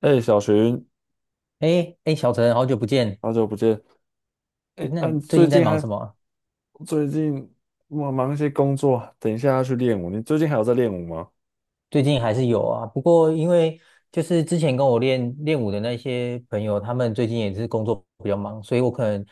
哎，小寻，哎哎，小陈，好久不见。好久不见。哎，那嗯，你你最最近在近忙什还么啊？最近我忙一些工作，等一下要去练舞。你最近还有在练舞吗？最近还是有啊，不过因为就是之前跟我练练舞的那些朋友，他们最近也是工作比较忙，所以我可能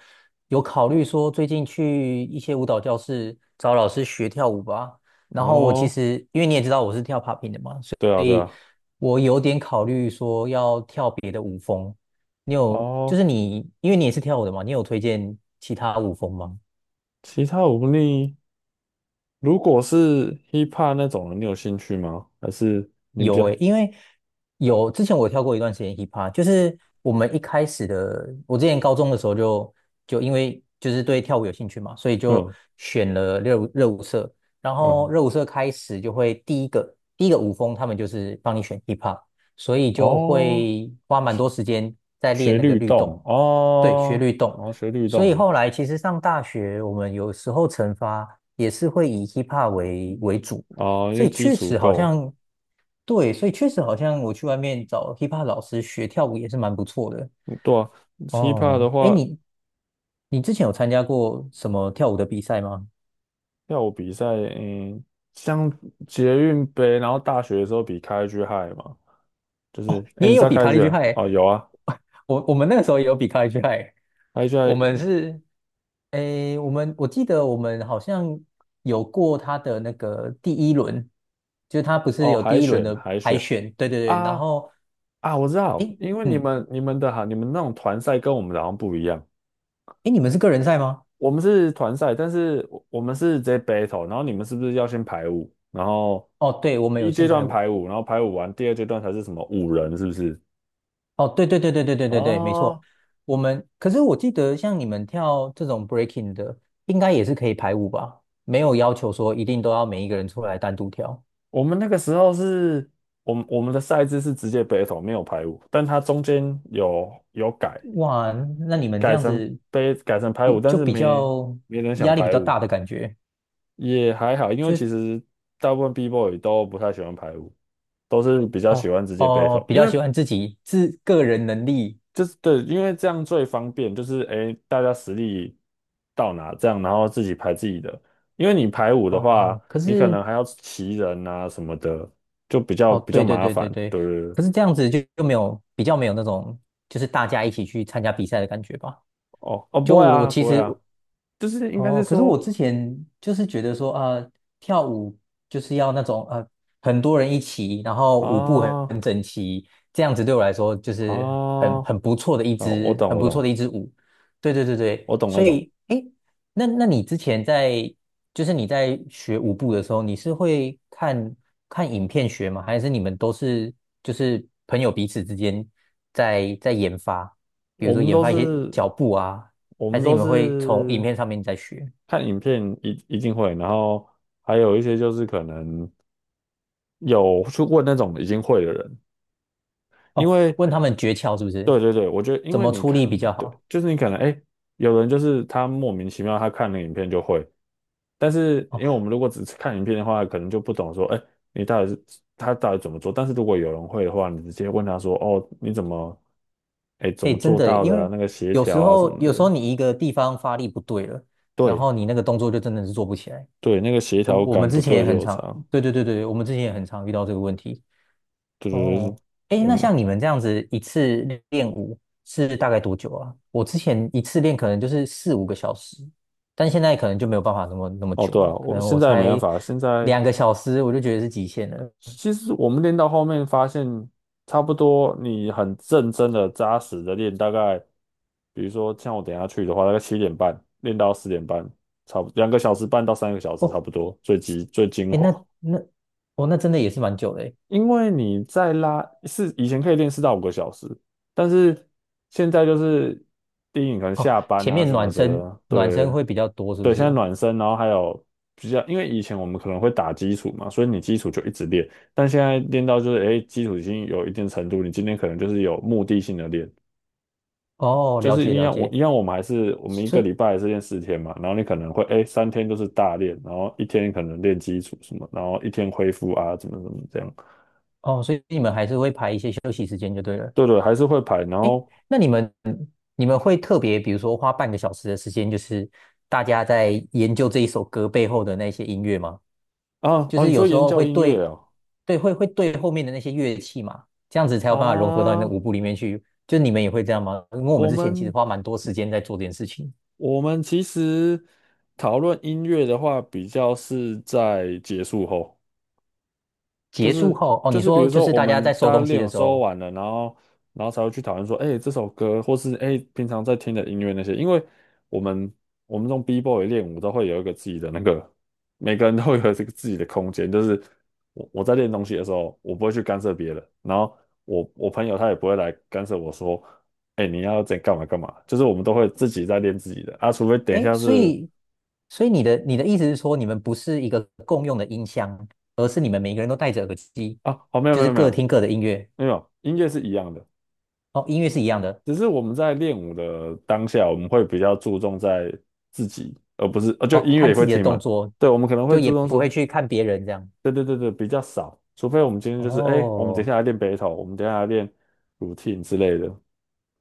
有考虑说最近去一些舞蹈教室找老师学跳舞吧。然后我其哦，实因为你也知道我是跳 popping 的嘛，所对啊，对以啊，我有点考虑说要跳别的舞风。你有就哦，是你，因为你也是跳舞的嘛，你有推荐其他舞风吗？其他舞你如果是 hip hop 那种的你有兴趣吗？还是你比有较诶，因为有之前我跳过一段时间 hip hop，就是我们一开始的，我之前高中的时候就因为就是对跳舞有兴趣嘛，所以就嗯选了热舞社，然后嗯热舞社开始就会第一个舞风，他们就是帮你选 hip hop，所以就哦，会花蛮多时间在练学那个律律动。动对，学哦，律动，然后学律所以动后来其实上大学我们有时候惩罚也是会以 hip hop 为主。哦，因所为以基确础实好够。像，对，所以确实好像我去外面找 hiphop 老师学跳舞也是蛮不错的。嗯对啊，hip hop 哦，的哎，话。你之前有参加过什么跳舞的比赛吗？跳舞比赛，嗯，像捷运杯，然后大学的时候比开 G h i 嘛，就是，哦，哎，你你也知有道比开 卡 G 利去派？h 哦，有啊，欸，我们那个时候也有比卡利去派。欸，开 G 我们 h 是，哎，我记得我们好像有过他的那个第一轮，就是他不是哦，有海第一轮选的海海选选，对对对，然啊后，啊，我知道，哎，因为你嗯，们你们的哈，你们那种团赛跟我们的好像不一样，哎，你们是个人赛吗？我们是团赛，但是我们是直接 battle，然后你们是不是要先排舞，然后哦，对，我们第有一限阶排段舞。排舞，然后排舞完第二阶段才是什么五人，是不是？哦，对对对对对对对对，没错。哦我们可是我记得，像你们跳这种 breaking 的，应该也是可以排舞吧？没有要求说一定都要每一个人出来单独跳。我们那个时候是，我们的赛制是直接 battle，没有排舞，但它中间有改，哇，那你们这改样成子杯改成排舞，但是比没较没人想压力比排较舞，大的感觉，也还好，因为就其实大部分 B boy 都不太喜欢排舞，都是比较喜哦欢直接 哦，battle，比因较为喜欢自己自个人能力。就是对，因为这样最方便，就是诶大家实力到哪这样，然后自己排自己的，因为你排舞的话，哦，可你可是能还要骑人啊什么的，就比较哦，比对较对麻对烦，对对，对。可是这样子就就没有比较没有那种就是大家一起去参加比赛的感觉吧？哦哦，就不会我啊，其不会实啊，就是应该哦，是可是我说之前就是觉得说啊、跳舞就是要那种很多人一起，然后舞步很啊很整齐，这样子对我来说就是啊哦，我懂，很我不错懂，的一支舞。对对对对，我懂那所种，以诶，那那你之前在就是你在学舞步的时候，你是会看看影片学吗？还是你们都是就是朋友彼此之间在研发，比如我说们研都发一些脚是步啊，我还们是你都们会从影是片上面再学？看影片一定会，然后还有一些就是可能有去问那种已经会的人，因哦，为问他们诀窍是不是？对对对，我觉得因怎为么你出看，力比较对，好？就是你可能哎，诶有人就是他莫名其妙他看了影片就会，但是因哦，为我们如果只是看影片的话，可能就不懂说，哎，你到底是他到底怎么做？但是如果有人会的话，你直接问他说，哦，你怎么，哎，怎哎，么真做的耶，到因的啊？为那个协有时调啊什候么有时候的，你一个地方发力不对了，然对后你那个动作就真的是做不起来。对，那个协我调我们感之不前也对就很有常，差。对对对对，我们之前也很常遇到这个问题。对对对，对哦，哎，那嗯，像你们这样子一次练舞是大概多久啊？我之前一次练可能就是4、5个小时，但现在可能就没有办法那么那么哦久对了，啊，可我能现我在没办才法，现在。2个小时我就觉得是极限了。其实我们练到后面发现，差不多你很认真的、扎实的练，大概比如说像我等一下去的话，大概7:30练到10:30，差不两个小时半到三个小时差哦，不多，最极最精哎，华。那哦，那真的也是蛮久的诶。因为你在拉是以前可以练4到5个小时，但是现在就是第一，你可能哦，下班前啊面什么暖身的，暖身对会比较多，是不对，现在是？暖身，然后还有比较，因为以前我们可能会打基础嘛，所以你基础就一直练，但现在练到就是哎，基础已经有一定程度，你今天可能就是有目的性的练，哦，就了是解一了样我解。一样我们还是我们一所个以礼拜还是练4天嘛，然后你可能会哎3天就是大练，然后一天可能练基础什么，然后一天恢复啊怎么怎么这样。哦，所以你们还是会排一些休息时间就对了。对对，还是会排。然后那你们你们会特别，比如说花半个小时的时间，就是大家在研究这一首歌背后的那些音乐吗？啊就啊，你是有说时研候究会音乐对，哦对，会会对后面的那些乐器嘛，这样子才有办法融合到你的啊，舞步里面去。就你们也会这样吗？因为我们我之前其实们花蛮多时间在做这件事情。我们其实讨论音乐的话，比较是在结束后。就结束是后，哦，就你是比说如就说是我大家们在收大家东西练的有时时候候，完了，然后才会去讨论说，哎、这首歌或是哎、平常在听的音乐那些，因为我们我们这种 B-boy 练舞都会有一个自己的那个，每个人都会有这个自己的空间，就是我在练东西的时候，我不会去干涉别人，然后我朋友他也不会来干涉我说，哎、你要怎干嘛干嘛，就是我们都会自己在练自己的啊，除非等一哎，下所是以，所以你的你的意思是说，你们不是一个共用的音箱，而是你们每个人都戴着耳机，啊，哦没有就没是有没各有听各的音乐。没有，音乐是一样的。哦，音乐是一样的。只是我们在练舞的当下，我们会比较注重在自己，而不是就哦，音乐看也自会己的听动嘛。作，对，我们可能会就也注重不会说，去看别人这样。对对对对，比较少，除非我们今天就是，哎，我们等一哦下来练 battle，我们等一下来练 routine 之类的。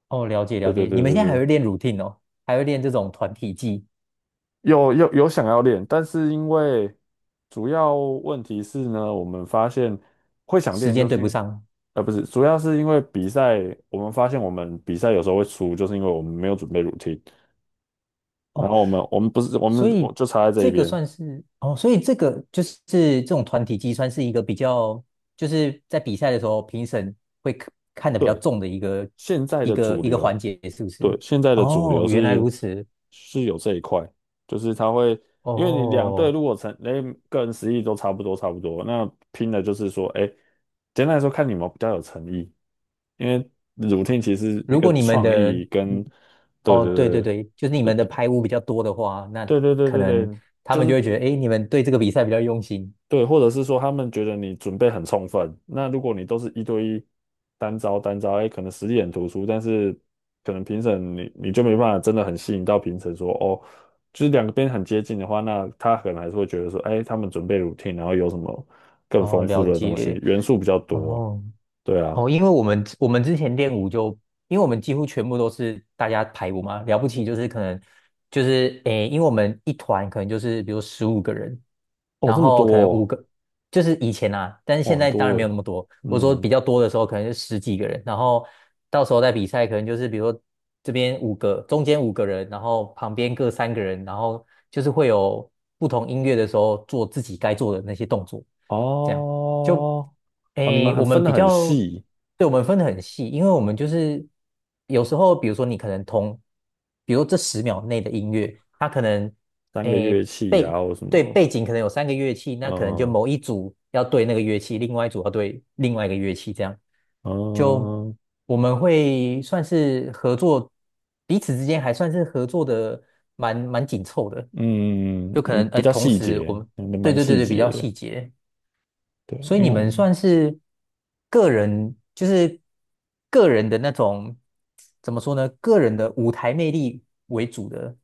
哦，了解对了对解。你对们现对在还对，会练 routine 哦，还会练这种团体技，有有有想要练，但是因为主要问题是呢，我们发现会想时练，间就对是不因上呃不是，主要是因为比赛，我们发现我们比赛有时候会输，就是因为我们没有准备 routine。然哦，后我们不是我们所我以就差在这一这个边。算是哦，所以这个就是这种团体技算是一个比较，就是在比赛的时候评审会看得比较对，重的一个现在一的个主一个环流，节，是不对，是？现在的主哦，流原来是如此。是有这一块，就是他会，因为你两队哦，如果成，哎，个人实力都差不多差不多，那拼的就是说，哎，简单来说，看你们比较有诚意，因为 r o 其实一如个果你们创的，意跟，嗯，对哦，对对对对，就是你对。们的排污比较多的话，那对对对可对能对，他就们就是会觉得，哎，你们对这个比赛比较用心。对，或者是说他们觉得你准备很充分，那如果你都是一对一单招单招，哎，可能实力很突出，但是可能评审你就没办法真的很吸引到评审说哦，就是两边很接近的话，那他可能还是会觉得说，哎，他们准备 routine，然后有什么更哦，丰了富的东西，解。元素比较多，哦，对啊，哦，因为我们之前练舞就，因为我们几乎全部都是大家排舞嘛，了不起就是可能就是诶，因为我们一团可能就是比如15个人，哦，然这么后可能五多个就是以前啊，但是哦，哦现很在当然多没有哎，那么多。我说比嗯，较多的时候可能是十几个人，然后到时候在比赛可能就是比如说这边五个，中间五个人，然后旁边各三个人，然后就是会有不同音乐的时候做自己该做的那些动作，这样。就哦，哦，你诶，们很我分们得比很较，细，对，我们分得很细，因为我们就是有时候，比如说你可能同，比如说这10秒内的音乐，它可能三个乐诶器背啊，或什对么，背景可能有三个乐器，那可能就嗯、某一组要对那个乐器，另外一组要对另外一个乐器，这样就嗯、我们会算是合作，彼此之间还算是合作的蛮紧凑的，嗯就可嗯，能比诶较同细时我节，们嗯，对蛮对对细对比节较的，细节。对，所因以为你我们们算是个人，就是个人的那种，怎么说呢？个人的舞台魅力为主的，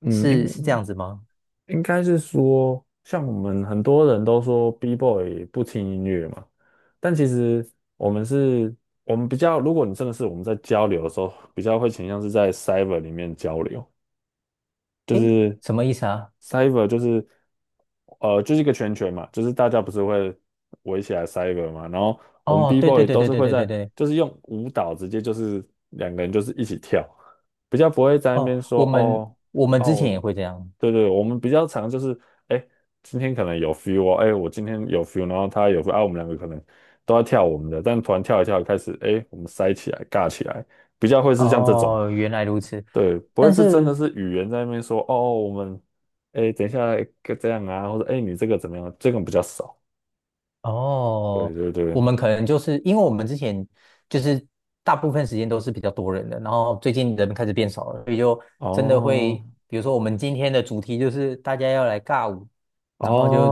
嗯，是应是这样子吗？应该是说，像我们很多人都说 B-boy 不听音乐嘛，但其实我们是，我们比较，如果你真的是我们在交流的时候，比较会倾向是在 cyber 里面交流，就诶，是 什么意思啊？cyber 就是就是一个圈圈嘛，就是大家不是会围起来 cyber 嘛，然后我们 哦，B 对对 boy 对都对是对会对对在对，就是用舞蹈直接就是两个人就是一起跳，比较不会在那哦，边说我们哦我们哦，之前我也会这样。对对，我们比较常就是哎今天可能有 feel 哦，哎我今天有 feel，然后他有 feel，啊我们两个可能都要跳我们的，但突然跳一跳开始哎我们塞起来尬起来。比较会是像这种，哦，原来如此。对，不会但是真的是是语言在那边说哦，我们哎，等一下这样啊，或者哎，你这个怎么样？这个比较少，对哦，对对，我们可能就是因为我们之前就是大部分时间都是比较多人的，然后最近人开始变少了。真的哦会，比如说我们今天的主题就是大家要来尬舞，然哦后就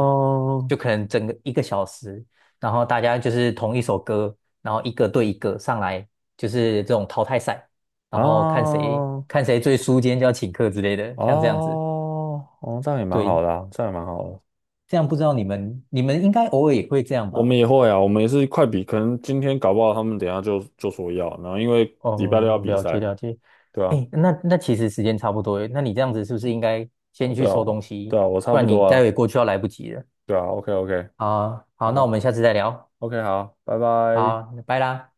就可能整个1个小时，然后大家就是同一首歌，然后一个对一个上来，就是这种淘汰赛，然后看谁哦看谁最输，今天就要请客之类的，像这样子。哦哦，这样也蛮好对，的啊，这样也蛮好的。这样不知道你们你们应该偶尔也会这样我吧？们也会啊，我们也是快比，可能今天搞不好他们等一下就说要，然后因为礼拜六要哦，比了解赛，了解。对啊，哎，那其实时间差不多耶那你这样子是不是应该哦先去对啊，收东哦西，对啊，我不差不然你多待啊，会过去要来不及了。对啊，OK OK，好好，那我好们下次再聊。，OK 好，拜拜。好，拜啦。